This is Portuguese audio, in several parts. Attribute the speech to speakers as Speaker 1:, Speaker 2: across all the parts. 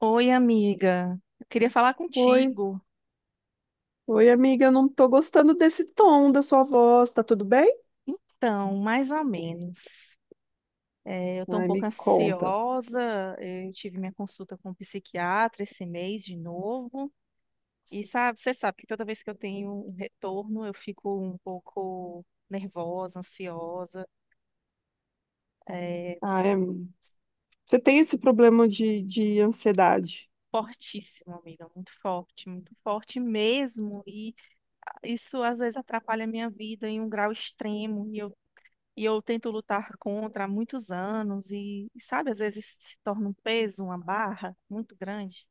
Speaker 1: Oi, amiga. Eu queria falar
Speaker 2: Oi,
Speaker 1: contigo.
Speaker 2: oi, amiga. Eu não tô gostando desse tom da sua voz. Tá tudo bem?
Speaker 1: Então, mais ou menos. É, eu estou um
Speaker 2: Ai,
Speaker 1: pouco
Speaker 2: me conta.
Speaker 1: ansiosa. Eu tive minha consulta com o psiquiatra esse mês de novo. E sabe, você sabe que toda vez que eu tenho um retorno, eu fico um pouco nervosa, ansiosa. É
Speaker 2: Ah, é... Você tem esse problema de ansiedade?
Speaker 1: fortíssimo, amiga. Muito forte mesmo. E isso às vezes atrapalha a minha vida em um grau extremo. E eu tento lutar contra há muitos anos e sabe, às vezes se torna um peso, uma barra muito grande.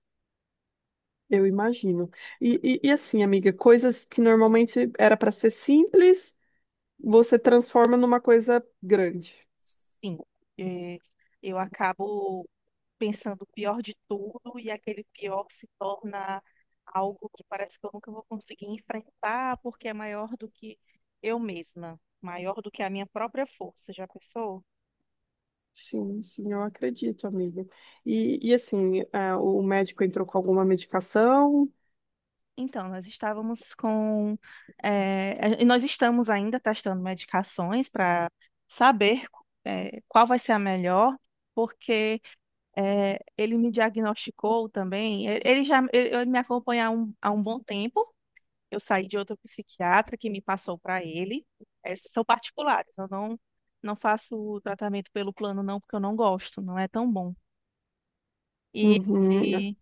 Speaker 2: Eu imagino. E assim, amiga, coisas que normalmente era para ser simples, você transforma numa coisa grande.
Speaker 1: Sim, eh, eu acabo pensando o pior de tudo e aquele pior se torna algo que parece que eu nunca vou conseguir enfrentar porque é maior do que eu mesma, maior do que a minha própria força. Já pensou?
Speaker 2: Sim, sim, eu acredito, amiga. E assim, ah, o médico entrou com alguma medicação?
Speaker 1: Então, nós estávamos com. Eh, e nós estamos ainda testando medicações para saber, qual vai ser a melhor, porque, ele me diagnosticou também. Ele ele já ele, ele me acompanha há um bom tempo. Eu saí de outro psiquiatra que me passou para ele. São particulares, eu não faço o tratamento pelo plano, não, porque eu não gosto, não é tão bom. E
Speaker 2: Uhum.
Speaker 1: esse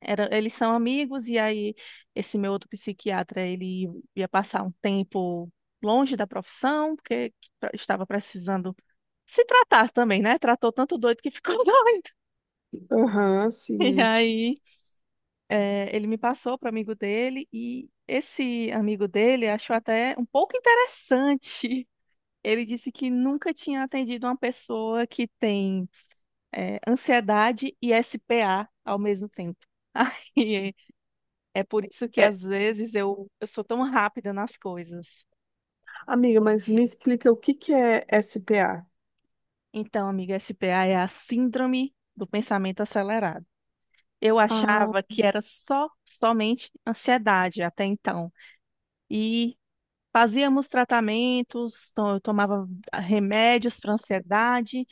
Speaker 1: eles são amigos, e aí esse meu outro psiquiatra, ele ia passar um tempo longe da profissão, porque estava precisando se tratar também, né? Tratou tanto doido que ficou doido.
Speaker 2: Aham,
Speaker 1: E
Speaker 2: sim.
Speaker 1: aí, ele me passou para amigo dele, e esse amigo dele achou até um pouco interessante. Ele disse que nunca tinha atendido uma pessoa que tem ansiedade e SPA ao mesmo tempo. Aí é por isso que
Speaker 2: É,
Speaker 1: às vezes eu sou tão rápida nas coisas.
Speaker 2: amiga, mas me explica o que que é SPA?
Speaker 1: Então, amiga, SPA é a síndrome do pensamento acelerado. Eu
Speaker 2: Ah,
Speaker 1: achava que era só somente ansiedade até então. E fazíamos tratamentos, eu tomava remédios para ansiedade,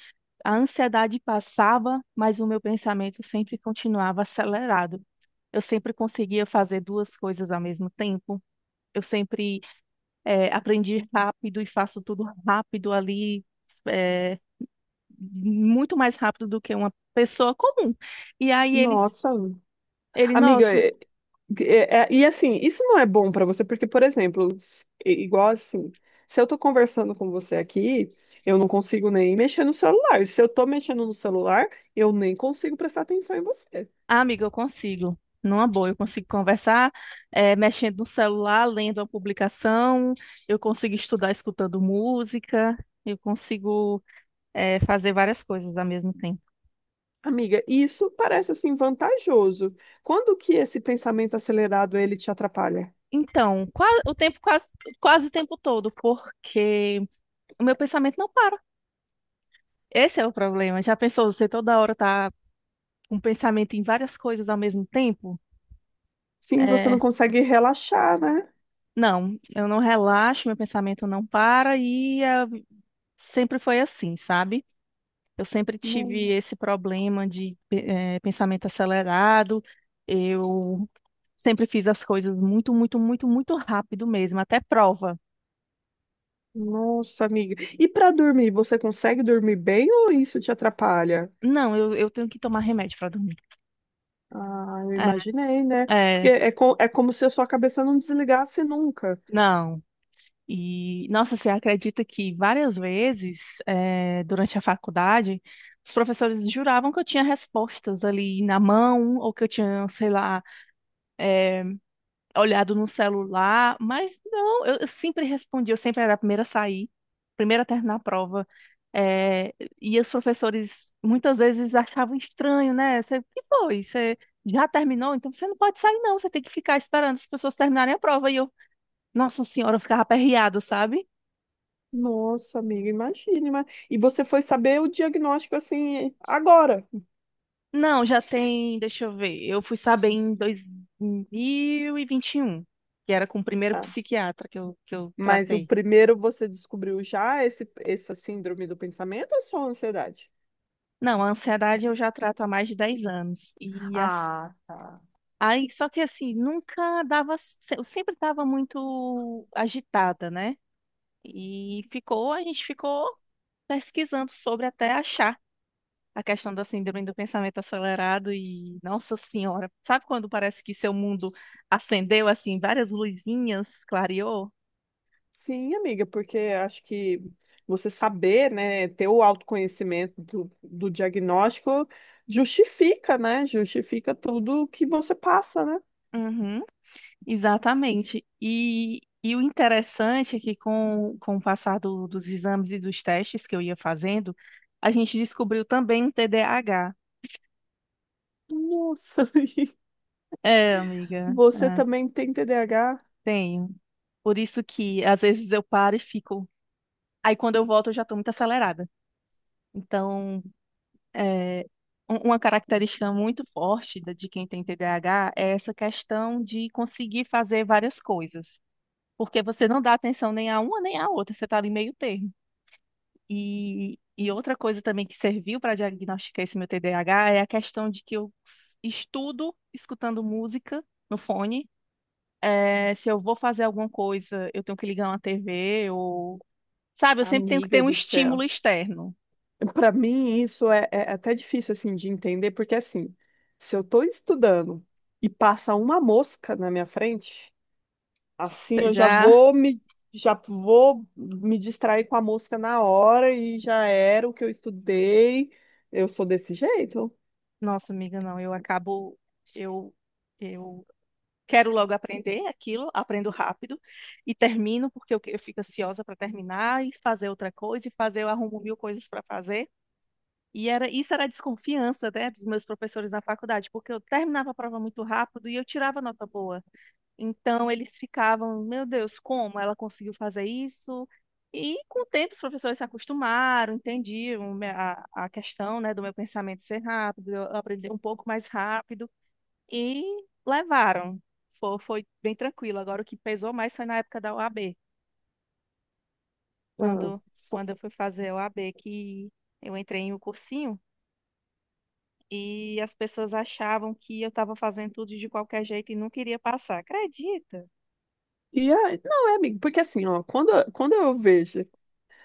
Speaker 1: a ansiedade passava, mas o meu pensamento sempre continuava acelerado. Eu sempre conseguia fazer duas coisas ao mesmo tempo. Eu sempre aprendi rápido e faço tudo rápido ali, é, muito mais rápido do que uma pessoa comum. E aí
Speaker 2: nossa. Amiga,
Speaker 1: nossa,
Speaker 2: e assim, isso não é bom pra você, porque, por exemplo, igual assim, se eu tô conversando com você aqui, eu não consigo nem mexer no celular. Se eu tô mexendo no celular, eu nem consigo prestar atenção em você.
Speaker 1: amiga, eu consigo. Numa boa, eu consigo conversar, mexendo no celular, lendo a publicação, eu consigo estudar escutando música, eu consigo, fazer várias coisas ao mesmo tempo.
Speaker 2: Amiga, isso parece assim vantajoso. Quando que esse pensamento acelerado ele te atrapalha?
Speaker 1: Então, quase o tempo todo, porque o meu pensamento não para. Esse é o problema. Já pensou, você toda hora tá com pensamento em várias coisas ao mesmo tempo.
Speaker 2: Sim, você não
Speaker 1: é,
Speaker 2: consegue relaxar, né?
Speaker 1: não, eu não relaxo, meu pensamento não para e sempre foi assim, sabe? Eu sempre tive
Speaker 2: Não-
Speaker 1: esse problema de pensamento acelerado, eu sempre fiz as coisas muito, muito, muito, muito rápido mesmo, até prova.
Speaker 2: Nossa, amiga. E pra dormir, você consegue dormir bem ou isso te atrapalha?
Speaker 1: Não, eu tenho que tomar remédio para dormir.
Speaker 2: Ah, eu
Speaker 1: É,
Speaker 2: imaginei, né? Porque
Speaker 1: é,
Speaker 2: é, co é como se a sua cabeça não desligasse nunca.
Speaker 1: não. E, nossa, você acredita que várias vezes, durante a faculdade, os professores juravam que eu tinha respostas ali na mão, ou que eu tinha, sei lá, olhado no celular, mas não, eu sempre respondia, eu sempre era a primeira a sair, primeira a terminar a prova. Eh, e os professores muitas vezes achavam estranho, né? Você, o que foi? Você já terminou? Então você não pode sair, não, você tem que ficar esperando as pessoas terminarem a prova. E eu, nossa senhora, eu ficava aperreada, sabe?
Speaker 2: Nossa, amiga, imagine. Mas... E você foi saber o diagnóstico assim agora.
Speaker 1: Não, já tem, deixa eu ver. Eu fui saber em dois mil e vinte e um, que era com o primeiro
Speaker 2: Ah,
Speaker 1: psiquiatra que eu
Speaker 2: mas o
Speaker 1: tratei.
Speaker 2: primeiro você descobriu já essa síndrome do pensamento ou só ansiedade?
Speaker 1: Não, a ansiedade eu já trato há mais de 10 anos. E
Speaker 2: Ah, tá.
Speaker 1: aí, só que assim, nunca dava, eu sempre estava muito agitada, né? E ficou, a gente ficou pesquisando sobre até achar a questão da síndrome do pensamento acelerado e, nossa senhora, sabe quando parece que seu mundo acendeu assim várias luzinhas, clareou?
Speaker 2: Sim, amiga, porque acho que você saber, né, ter o autoconhecimento do diagnóstico justifica, né? Justifica tudo que você passa, né?
Speaker 1: Uhum, exatamente. E o interessante é que com o passar dos exames e dos testes que eu ia fazendo, a gente descobriu também um TDAH.
Speaker 2: Nossa,
Speaker 1: É, amiga,
Speaker 2: Você
Speaker 1: é,
Speaker 2: também tem TDAH?
Speaker 1: tenho. Por isso que às vezes eu paro e fico. Aí quando eu volto eu já estou muito acelerada. Então é, uma característica muito forte de quem tem TDAH é essa questão de conseguir fazer várias coisas, porque você não dá atenção nem a uma nem a outra, você está ali meio termo. E outra coisa também que serviu para diagnosticar esse meu TDAH é a questão de que eu estudo escutando música no fone. É, se eu vou fazer alguma coisa, eu tenho que ligar uma TV ou, sabe, eu sempre tenho que ter
Speaker 2: Amiga
Speaker 1: um
Speaker 2: do
Speaker 1: estímulo
Speaker 2: céu.
Speaker 1: externo.
Speaker 2: Para mim, isso é, é até difícil assim de entender, porque assim, se eu estou estudando e passa uma mosca na minha frente, assim
Speaker 1: Você
Speaker 2: eu
Speaker 1: já
Speaker 2: já vou me distrair com a mosca na hora e já era o que eu estudei. Eu sou desse jeito.
Speaker 1: Nossa, amiga, não, eu acabo, eu, eu quero logo aprender aquilo, aprendo rápido e termino porque eu fico ansiosa para terminar e fazer outra coisa e fazer, eu arrumo mil coisas para fazer. E era, isso era a desconfiança, né, dos meus professores na faculdade, porque eu terminava a prova muito rápido e eu tirava nota boa. Então eles ficavam, meu Deus, como ela conseguiu fazer isso? E com o tempo os professores se acostumaram, entendiam a questão, né, do meu pensamento ser rápido, eu aprendi um pouco mais rápido e levaram. Foi, foi bem tranquilo. Agora o que pesou mais foi na época da OAB,
Speaker 2: Ah,
Speaker 1: quando,
Speaker 2: fo-
Speaker 1: quando eu fui fazer a OAB, que eu entrei em um cursinho e as pessoas achavam que eu estava fazendo tudo de qualquer jeito e não queria passar. Acredita?
Speaker 2: E aí, não, é, amigo, porque assim, ó, quando eu vejo,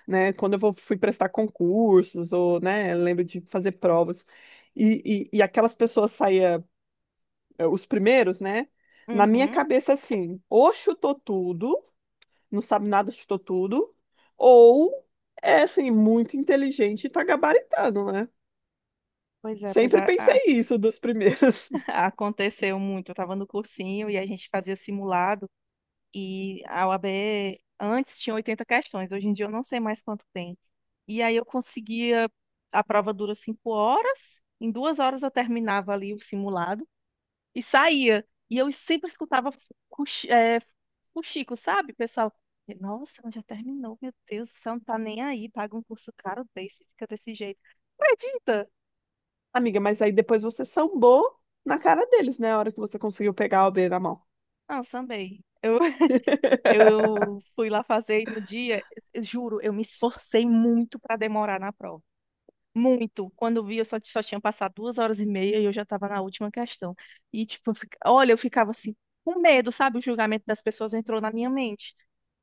Speaker 2: né? Fui prestar concursos, ou, né, eu lembro de fazer provas, e aquelas pessoas saía, os primeiros, né? Na minha
Speaker 1: Uhum.
Speaker 2: cabeça, assim, ou chutou tudo, não sabe nada, chutou tudo, ou é, assim, muito inteligente e tá gabaritando, né?
Speaker 1: Pois é, pois
Speaker 2: Sempre
Speaker 1: é.
Speaker 2: pensei isso dos primeiros.
Speaker 1: Aconteceu muito. Eu estava no cursinho e a gente fazia simulado e a UAB antes tinha 80 questões, hoje em dia eu não sei mais quanto tem. E aí eu conseguia, a prova dura 5 horas, em 2 horas eu terminava ali o simulado e saía. E eu sempre escutava fuxico, sabe, pessoal? Nossa, mas já terminou, meu Deus, você não tá nem aí, paga um curso caro desse, fica desse jeito. Acredita?
Speaker 2: Amiga, mas aí depois você sambou na cara deles, né? A hora que você conseguiu pegar o B na mão.
Speaker 1: Não, sambei. Eu, Eu fui lá fazer e no dia, eu juro, eu me esforcei muito para demorar na prova. Muito. Quando eu vi, eu só tinha passado 2 horas e meia e eu já estava na última questão. E, tipo, olha, eu ficava assim, com medo, sabe? O julgamento das pessoas entrou na minha mente.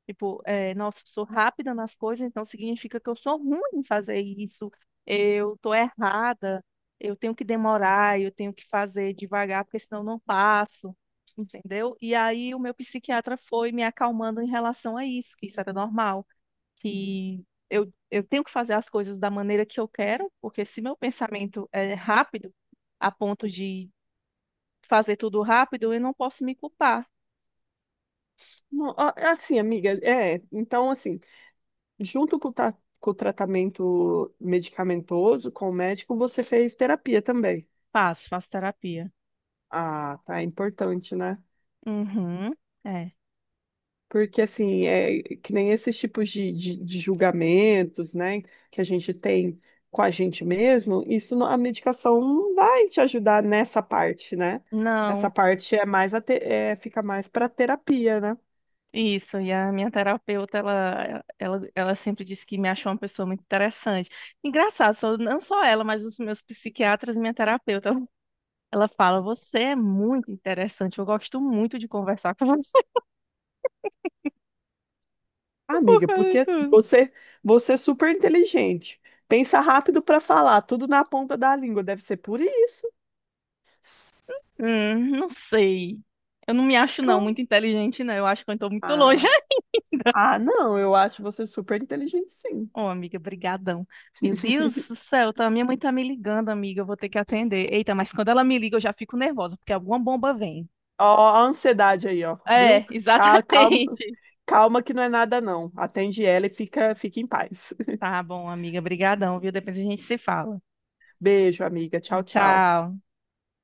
Speaker 1: Tipo, é, nossa, eu sou rápida nas coisas, então significa que eu sou ruim em fazer isso, eu tô errada, eu tenho que demorar, eu tenho que fazer devagar, porque senão eu não passo, entendeu? E aí o meu psiquiatra foi me acalmando em relação a isso, que isso era normal, que eu tenho que fazer as coisas da maneira que eu quero, porque se meu pensamento é rápido, a ponto de fazer tudo rápido, eu não posso me culpar.
Speaker 2: Não, assim, amiga, é. Então, assim, junto com com o tratamento medicamentoso, com o médico, você fez terapia também.
Speaker 1: Faço, faço terapia.
Speaker 2: Ah, tá, é importante, né?
Speaker 1: Uhum, é.
Speaker 2: Porque, assim, é que nem esses tipos de julgamentos, né, que a gente tem com a gente mesmo, a medicação não vai te ajudar nessa parte, né? Essa
Speaker 1: Não.
Speaker 2: parte é mais é, fica mais para terapia, né?
Speaker 1: Isso, e a minha terapeuta, ela sempre disse que me achou uma pessoa muito interessante. Engraçado, só, não só ela, mas os meus psiquiatras e minha terapeuta. Ela fala, você é muito interessante, eu gosto muito de conversar com você
Speaker 2: Ah,
Speaker 1: por
Speaker 2: amiga,
Speaker 1: causa de
Speaker 2: porque assim,
Speaker 1: tudo.
Speaker 2: você é super inteligente. Pensa rápido para falar, tudo na ponta da língua, deve ser por isso.
Speaker 1: Não sei. Eu não me acho, não,
Speaker 2: Claro.
Speaker 1: muito inteligente, não. Eu acho que eu estou muito longe
Speaker 2: Ah,
Speaker 1: ainda.
Speaker 2: ah, não, eu acho você super inteligente, sim.
Speaker 1: Ô, amiga, brigadão. Meu Deus do céu, tá, minha mãe tá me ligando, amiga, eu vou ter que atender. Eita, mas quando ela me liga, eu já fico nervosa, porque alguma bomba vem.
Speaker 2: Ó, a ansiedade aí, ó, viu?
Speaker 1: É,
Speaker 2: Calma,
Speaker 1: exatamente.
Speaker 2: calma que não é nada, não. Atende ela e fica, fica em paz.
Speaker 1: Tá bom, amiga. Brigadão, viu? Depois a gente se fala.
Speaker 2: Beijo, amiga. Tchau, tchau.
Speaker 1: Tchau.